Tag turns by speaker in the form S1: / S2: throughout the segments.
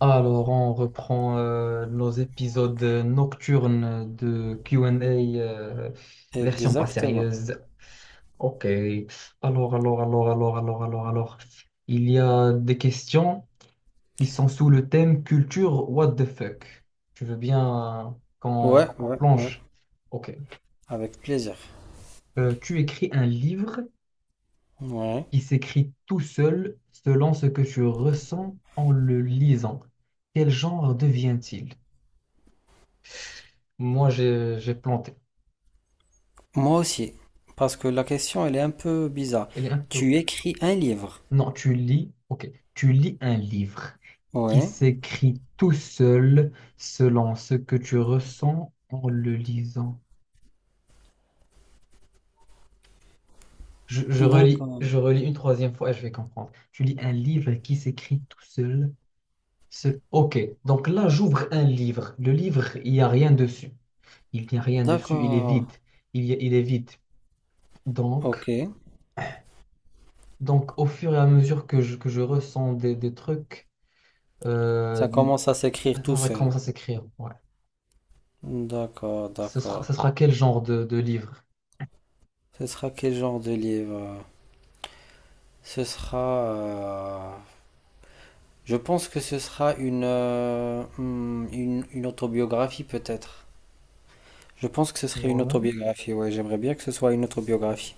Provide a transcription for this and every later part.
S1: Alors, on reprend nos épisodes nocturnes de Q&A , version pas
S2: Exactement.
S1: sérieuse. Ok. Alors. Il y a des questions qui sont sous le thème culture what the fuck. Tu veux bien
S2: Ouais,
S1: qu'on
S2: ouais, ouais.
S1: plonge? Ok.
S2: Avec plaisir.
S1: Tu écris un livre
S2: Ouais.
S1: qui s'écrit tout seul selon ce que tu ressens en le lisant. Quel genre devient-il? Moi, j'ai planté.
S2: Moi aussi. Parce que la question, elle est un peu bizarre.
S1: Elle est un peu...
S2: Tu écris un livre.
S1: Non, tu lis, ok, tu lis un livre qui
S2: Ouais.
S1: s'écrit tout seul selon ce que tu ressens en le lisant. Je relis,
S2: D'accord.
S1: je relis une troisième fois et je vais comprendre. Tu lis un livre qui s'écrit tout seul. Ok, donc là, j'ouvre un livre. Le livre, il n'y a rien dessus. Il n'y a rien dessus, il est
S2: D'accord.
S1: vide. Il est vide.
S2: Ok.
S1: Donc, donc, au fur et à mesure que que je ressens des trucs,
S2: Ça
S1: euh,
S2: commence à s'écrire tout
S1: ça
S2: seul.
S1: commence à s'écrire. Ouais.
S2: D'accord,
S1: Ce
S2: d'accord.
S1: sera quel genre de livre?
S2: Ce sera quel genre de livre? Ce sera... je pense que ce sera une autobiographie peut-être. Je pense que ce serait une
S1: Ouais,
S2: autobiographie, ouais. J'aimerais bien que ce soit une autobiographie.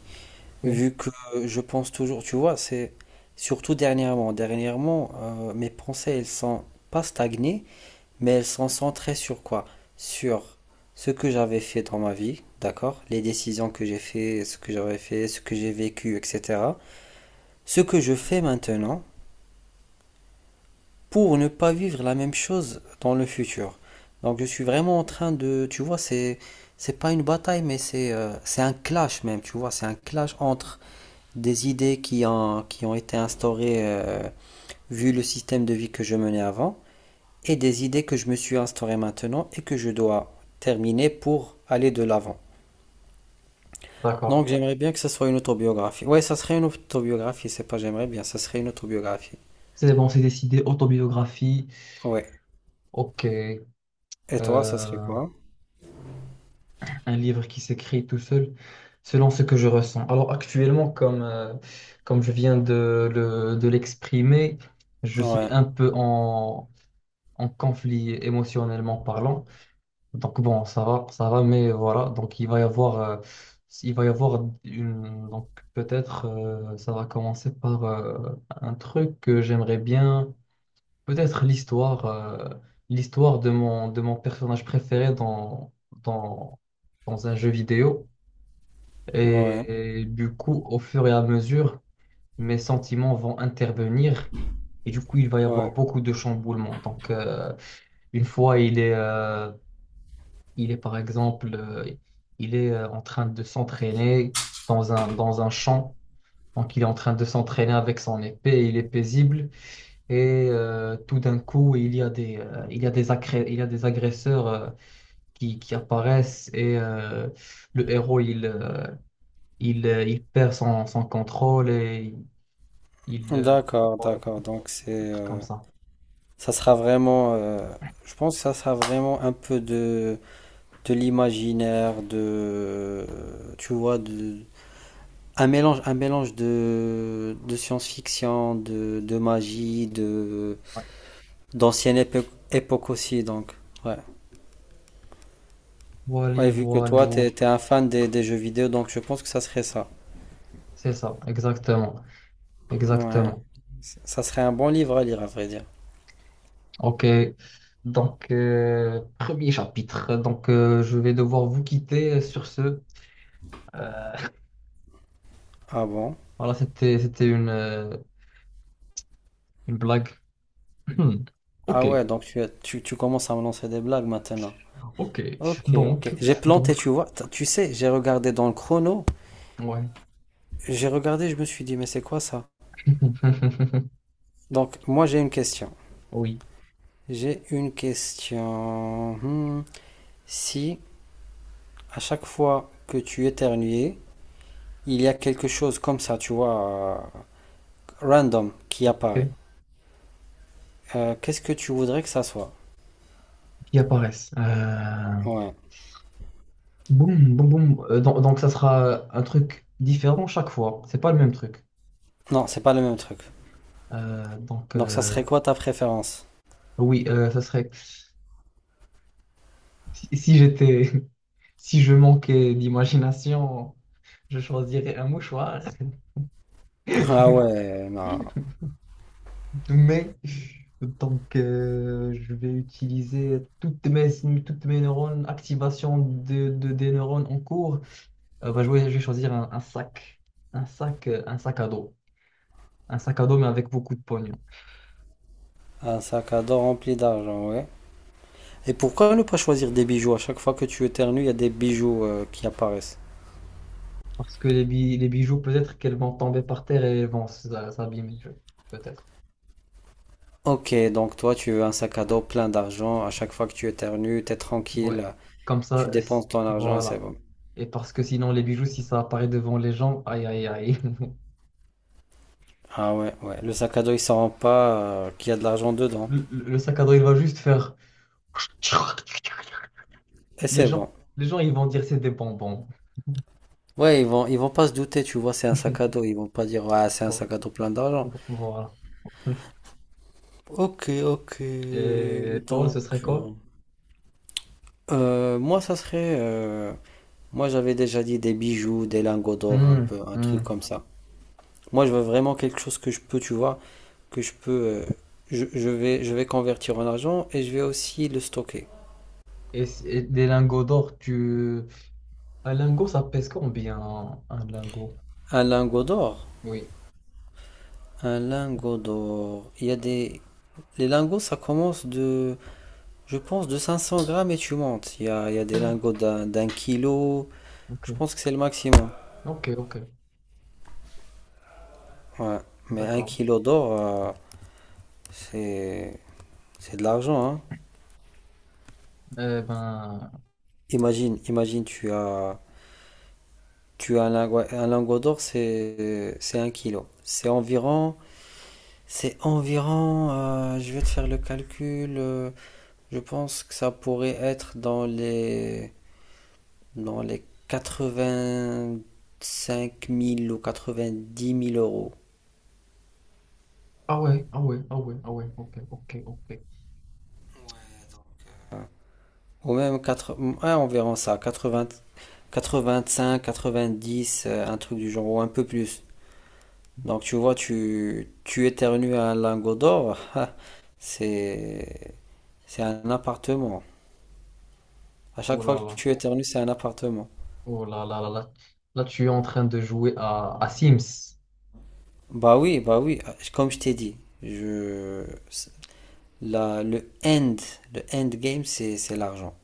S2: Vu
S1: ok.
S2: que je pense toujours, tu vois, c'est surtout dernièrement. Dernièrement, mes pensées, elles sont pas stagnées, mais elles sont centrées sur quoi? Sur ce que j'avais fait dans ma vie, d'accord? Les décisions que j'ai fait, ce que j'avais fait, ce que j'ai vécu, etc. Ce que je fais maintenant pour ne pas vivre la même chose dans le futur. Donc je suis vraiment en train de, tu vois, c'est pas une bataille, mais c'est un clash même, tu vois, c'est un clash entre des idées qui ont été instaurées vu le système de vie que je menais avant et des idées que je me suis instaurées maintenant et que je dois terminer pour aller de l'avant.
S1: D'accord.
S2: Donc j'aimerais bien que ça soit une autobiographie. Ouais, ça serait une autobiographie, c'est pas j'aimerais bien, ça serait une autobiographie.
S1: C'est bon, c'est décidé. Autobiographie.
S2: Ouais.
S1: Ok.
S2: Et toi, ça serait
S1: Euh,
S2: quoi?
S1: un livre qui s'écrit tout seul, selon ce que je ressens. Alors actuellement, comme je viens de l'exprimer, je suis
S2: Ouais,
S1: un peu en conflit émotionnellement parlant. Donc bon, ça va, mais voilà. Donc il va y avoir une, donc peut-être, ça va commencer par un truc que j'aimerais bien, peut-être l'histoire de de mon personnage préféré dans, dans un jeu vidéo.
S2: ouais,
S1: Et, du coup, au fur et à mesure, mes sentiments vont intervenir. Et du coup, il va y avoir
S2: ouais.
S1: beaucoup de chamboulements. Une fois, il est par exemple, il est en train de s'entraîner dans un champ. Donc, il est en train de s'entraîner avec son épée, il est paisible. Et tout d'un coup, il y a il y a des agresseurs qui apparaissent et le héros, il perd son contrôle et il... euh,
S2: D'accord,
S1: voilà,
S2: d'accord. Donc c'est
S1: un truc comme ça.
S2: ça sera vraiment je pense que ça sera vraiment un peu de l'imaginaire, de, tu vois, de, un mélange de, science-fiction, de magie, de, d'ancienne époque aussi, donc, ouais.
S1: Voilà,
S2: Ouais, vu que
S1: voilà,
S2: toi, t'es un fan des jeux vidéo, donc je pense que ça serait ça.
S1: c'est ça, exactement.
S2: Ouais.
S1: Exactement.
S2: Ça serait un bon livre à lire, à vrai dire.
S1: Ok, premier chapitre. Je vais devoir vous quitter sur ce. Euh,
S2: Ah bon?
S1: voilà, c'était une blague. Hmm. Ok,
S2: Ah ouais, donc tu commences à me lancer des blagues maintenant.
S1: ok.
S2: Ok, ok.
S1: Donc
S2: J'ai planté,
S1: donc
S2: tu vois. Tu sais, j'ai regardé dans le chrono.
S1: ouais.
S2: J'ai regardé, je me suis dit, mais c'est quoi ça? Donc, moi, j'ai une question.
S1: Oui.
S2: J'ai une question. Hmm. Si à chaque fois que tu éternues, il y a quelque chose comme ça, tu vois, random qui
S1: Ok.
S2: apparaît, qu'est-ce que tu voudrais que ça soit?
S1: Qui apparaissent.
S2: Ouais.
S1: Boum boum boum. Donc ça sera un truc différent chaque fois. C'est pas le même truc.
S2: Non, c'est pas le même truc.
S1: Euh, donc
S2: Donc, ça
S1: euh,
S2: serait quoi ta préférence?
S1: oui, ça serait si j'étais Si je manquais d'imagination, je choisirais un mouchoir.
S2: Ah ouais, non.
S1: Mais donc, je vais utiliser toutes mes neurones, activation des neurones en cours. Je vais choisir un sac, un sac à dos, un sac à dos mais avec beaucoup de pognon.
S2: Un sac à dos rempli d'argent, ouais. Et pourquoi ne pas choisir des bijoux? À chaque fois que tu éternues, il y a des bijoux qui apparaissent.
S1: Parce que les bijoux, peut-être qu'elles vont tomber par terre et elles vont s'abîmer, peut-être.
S2: Ok, donc toi, tu veux un sac à dos plein d'argent. À chaque fois que tu éternues, t'es
S1: Ouais.
S2: tranquille,
S1: Comme
S2: tu
S1: ça,
S2: dépenses ton argent et c'est
S1: voilà.
S2: bon.
S1: Et parce que sinon, les bijoux, si ça apparaît devant les gens, aïe, aïe, aïe.
S2: Ah ouais, ouais. Le sac à dos, il s'en rend pas qu'il y a de l'argent dedans.
S1: Le sac à dos, il va juste faire.
S2: Et
S1: Les
S2: c'est
S1: gens,
S2: bon.
S1: les gens, ils vont dire c'est des bonbons.
S2: Ouais, ils vont pas se douter, tu vois, c'est un sac à dos. Ils vont pas dire, ouais, c'est un sac à dos plein d'argent.
S1: Voilà.
S2: Ok, ok.
S1: Et toi,
S2: Donc,
S1: ce serait
S2: euh,
S1: quoi?
S2: moi, ça serait, moi, j'avais déjà dit des bijoux, des lingots d'or, un
S1: Hmm,
S2: peu, un
S1: hmm.
S2: truc comme ça. Moi, je veux vraiment quelque chose que je peux, tu vois, que je peux, je vais convertir en argent et je vais aussi le stocker.
S1: Et, et des lingots d'or, tu... Un lingot, ça pèse combien, un lingot?
S2: Un lingot d'or.
S1: Oui.
S2: Un lingot d'or. Il y a des, les lingots, ça commence de, je pense, de 500 grammes et tu montes. Il y a des
S1: Hmm.
S2: lingots d'un kilo.
S1: Ok,
S2: Je pense que c'est le maximum.
S1: ok,
S2: Ouais. Mais un
S1: d'accord.
S2: kilo d'or, c'est, c'est de l'argent, hein.
S1: Eh ben...
S2: Imagine, imagine, tu as un lingot d'or, c'est un kilo. C'est environ. Je vais te faire le calcul, je pense que ça pourrait être dans les, 85 000 ou 90 000 euros.
S1: Ouais, ouais, ouais, ah ouais, ok.
S2: Ou même quatre, ouais, environ ça, 80, 85, 90, un truc du genre, ou un peu plus. Donc tu vois, tu éternues un lingot d'or, c'est, c'est un appartement. À chaque
S1: Oh
S2: fois
S1: là
S2: que
S1: là.
S2: tu éternues, c'est un appartement.
S1: Oh là là là là, là tu es en train de jouer à Sims.
S2: Bah oui, ah, comme je t'ai dit, je, la, le end game, c'est l'argent.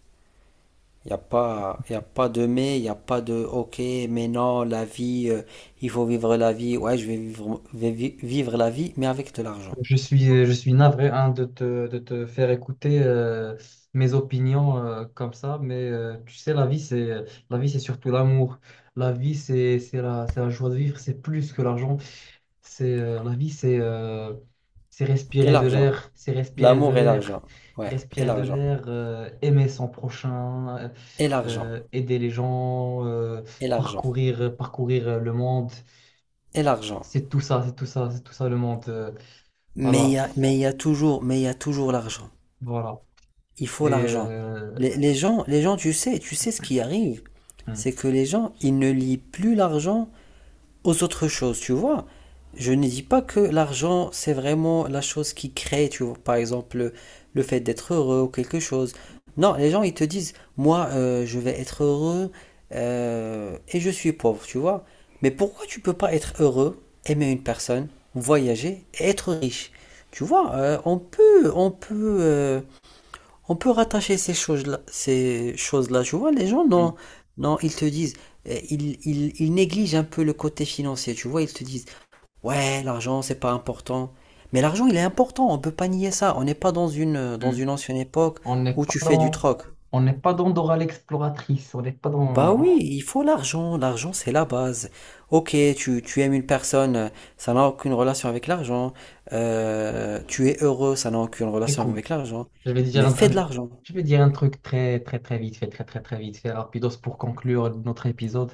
S2: Il n'y a pas, y a pas de mais, il n'y a pas de ok, mais non, la vie, il faut vivre la vie. Ouais, je vais vivre, vivre la vie, mais avec de l'argent.
S1: Je suis navré hein, de te faire écouter mes opinions comme ça, mais tu sais, la vie, c'est la vie, c'est surtout l'amour. La vie, c'est c'est la joie de vivre, c'est plus que l'argent. La vie, c'est c'est
S2: Et
S1: respirer de
S2: l'argent.
S1: l'air,
S2: L'amour et l'argent. Ouais, et l'argent.
S1: aimer son prochain,
S2: Et l'argent.
S1: aider les gens,
S2: Et l'argent.
S1: parcourir le monde.
S2: Et l'argent.
S1: C'est tout ça, c'est tout ça le monde.
S2: Mais il
S1: Voilà,
S2: y a, mais il y a toujours, l'argent.
S1: voilà.
S2: Il faut
S1: Et
S2: l'argent. Les gens tu sais ce qui arrive,
S1: hum,
S2: c'est que les gens, ils ne lient plus l'argent aux autres choses, tu vois. Je ne dis pas que l'argent, c'est vraiment la chose qui crée, tu vois, par exemple, le fait d'être heureux ou quelque chose. Non, les gens, ils te disent, moi, je vais être heureux et je suis pauvre, tu vois. Mais pourquoi tu peux pas être heureux, aimer une personne, voyager et être riche? Tu vois, on peut rattacher ces choses-là, ces choses-là. Tu vois, les gens, non,
S1: hum,
S2: non, ils te disent, ils négligent un peu le côté financier. Tu vois, ils te disent, ouais, l'argent, c'est pas important. Mais l'argent, il est important. On peut pas nier ça. On n'est pas dans une, euh, dans
S1: hum.
S2: une ancienne époque
S1: on n'est
S2: où
S1: pas
S2: tu fais du
S1: dans,
S2: troc.
S1: on n'est pas dans Dora l'exploratrice, on n'est pas
S2: Bah
S1: dans.
S2: oui, il faut l'argent. L'argent, c'est la base. Ok, tu aimes une personne, ça n'a aucune relation avec l'argent. Tu es heureux, ça n'a aucune relation avec
S1: Écoute,
S2: l'argent.
S1: je vais dire
S2: Mais
S1: un,
S2: fais
S1: un-
S2: de l'argent.
S1: je vais dire un truc très, très, très vite fait, très, très, très vite fait, rapidos pour conclure notre épisode.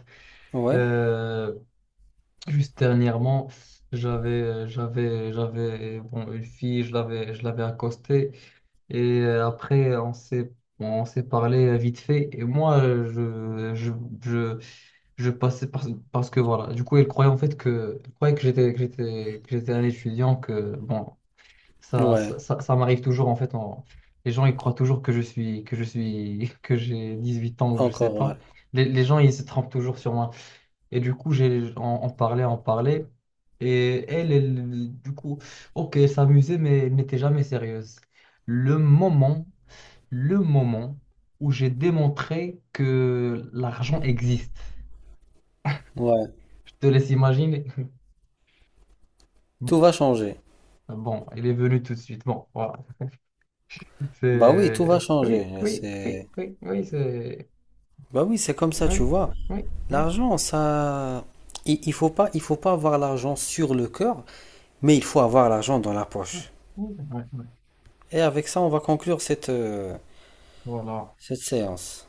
S2: Ouais,
S1: Euh, Juste dernièrement, j'avais, bon, une fille, je l'avais accostée. Et après, on s'est parlé vite fait. Et moi, je, je, je, je passais parce que voilà. Du coup, elle croyait en fait que, elle croyait que j'étais un étudiant. Que bon,
S2: ouais.
S1: ça m'arrive toujours en fait. Les gens ils croient toujours que je suis que j'ai 18 ans ou je sais
S2: Encore, ouais.
S1: pas. Les gens ils se trompent toujours sur moi. Et du coup, j'ai on, on parlait. Et du coup, ok, elle s'amusait, mais elle n'était jamais sérieuse le moment le moment où j'ai démontré que l'argent existe.
S2: Ouais.
S1: Je te laisse imaginer.
S2: Tout va changer.
S1: Bon, il est venu tout de suite. Bon, voilà.
S2: Bah oui, tout
S1: C'est...
S2: va
S1: Oui,
S2: changer.
S1: oui, oui,
S2: C'est.
S1: oui, oui, c'est...
S2: Bah oui, c'est comme ça, tu
S1: Oui,
S2: vois.
S1: oui. oui,
S2: L'argent, ça. Il faut pas avoir l'argent sur le cœur, mais il faut avoir l'argent dans la
S1: oui,
S2: poche.
S1: oui, oui.
S2: Et avec ça, on va conclure cette, euh,
S1: Voilà.
S2: cette séance.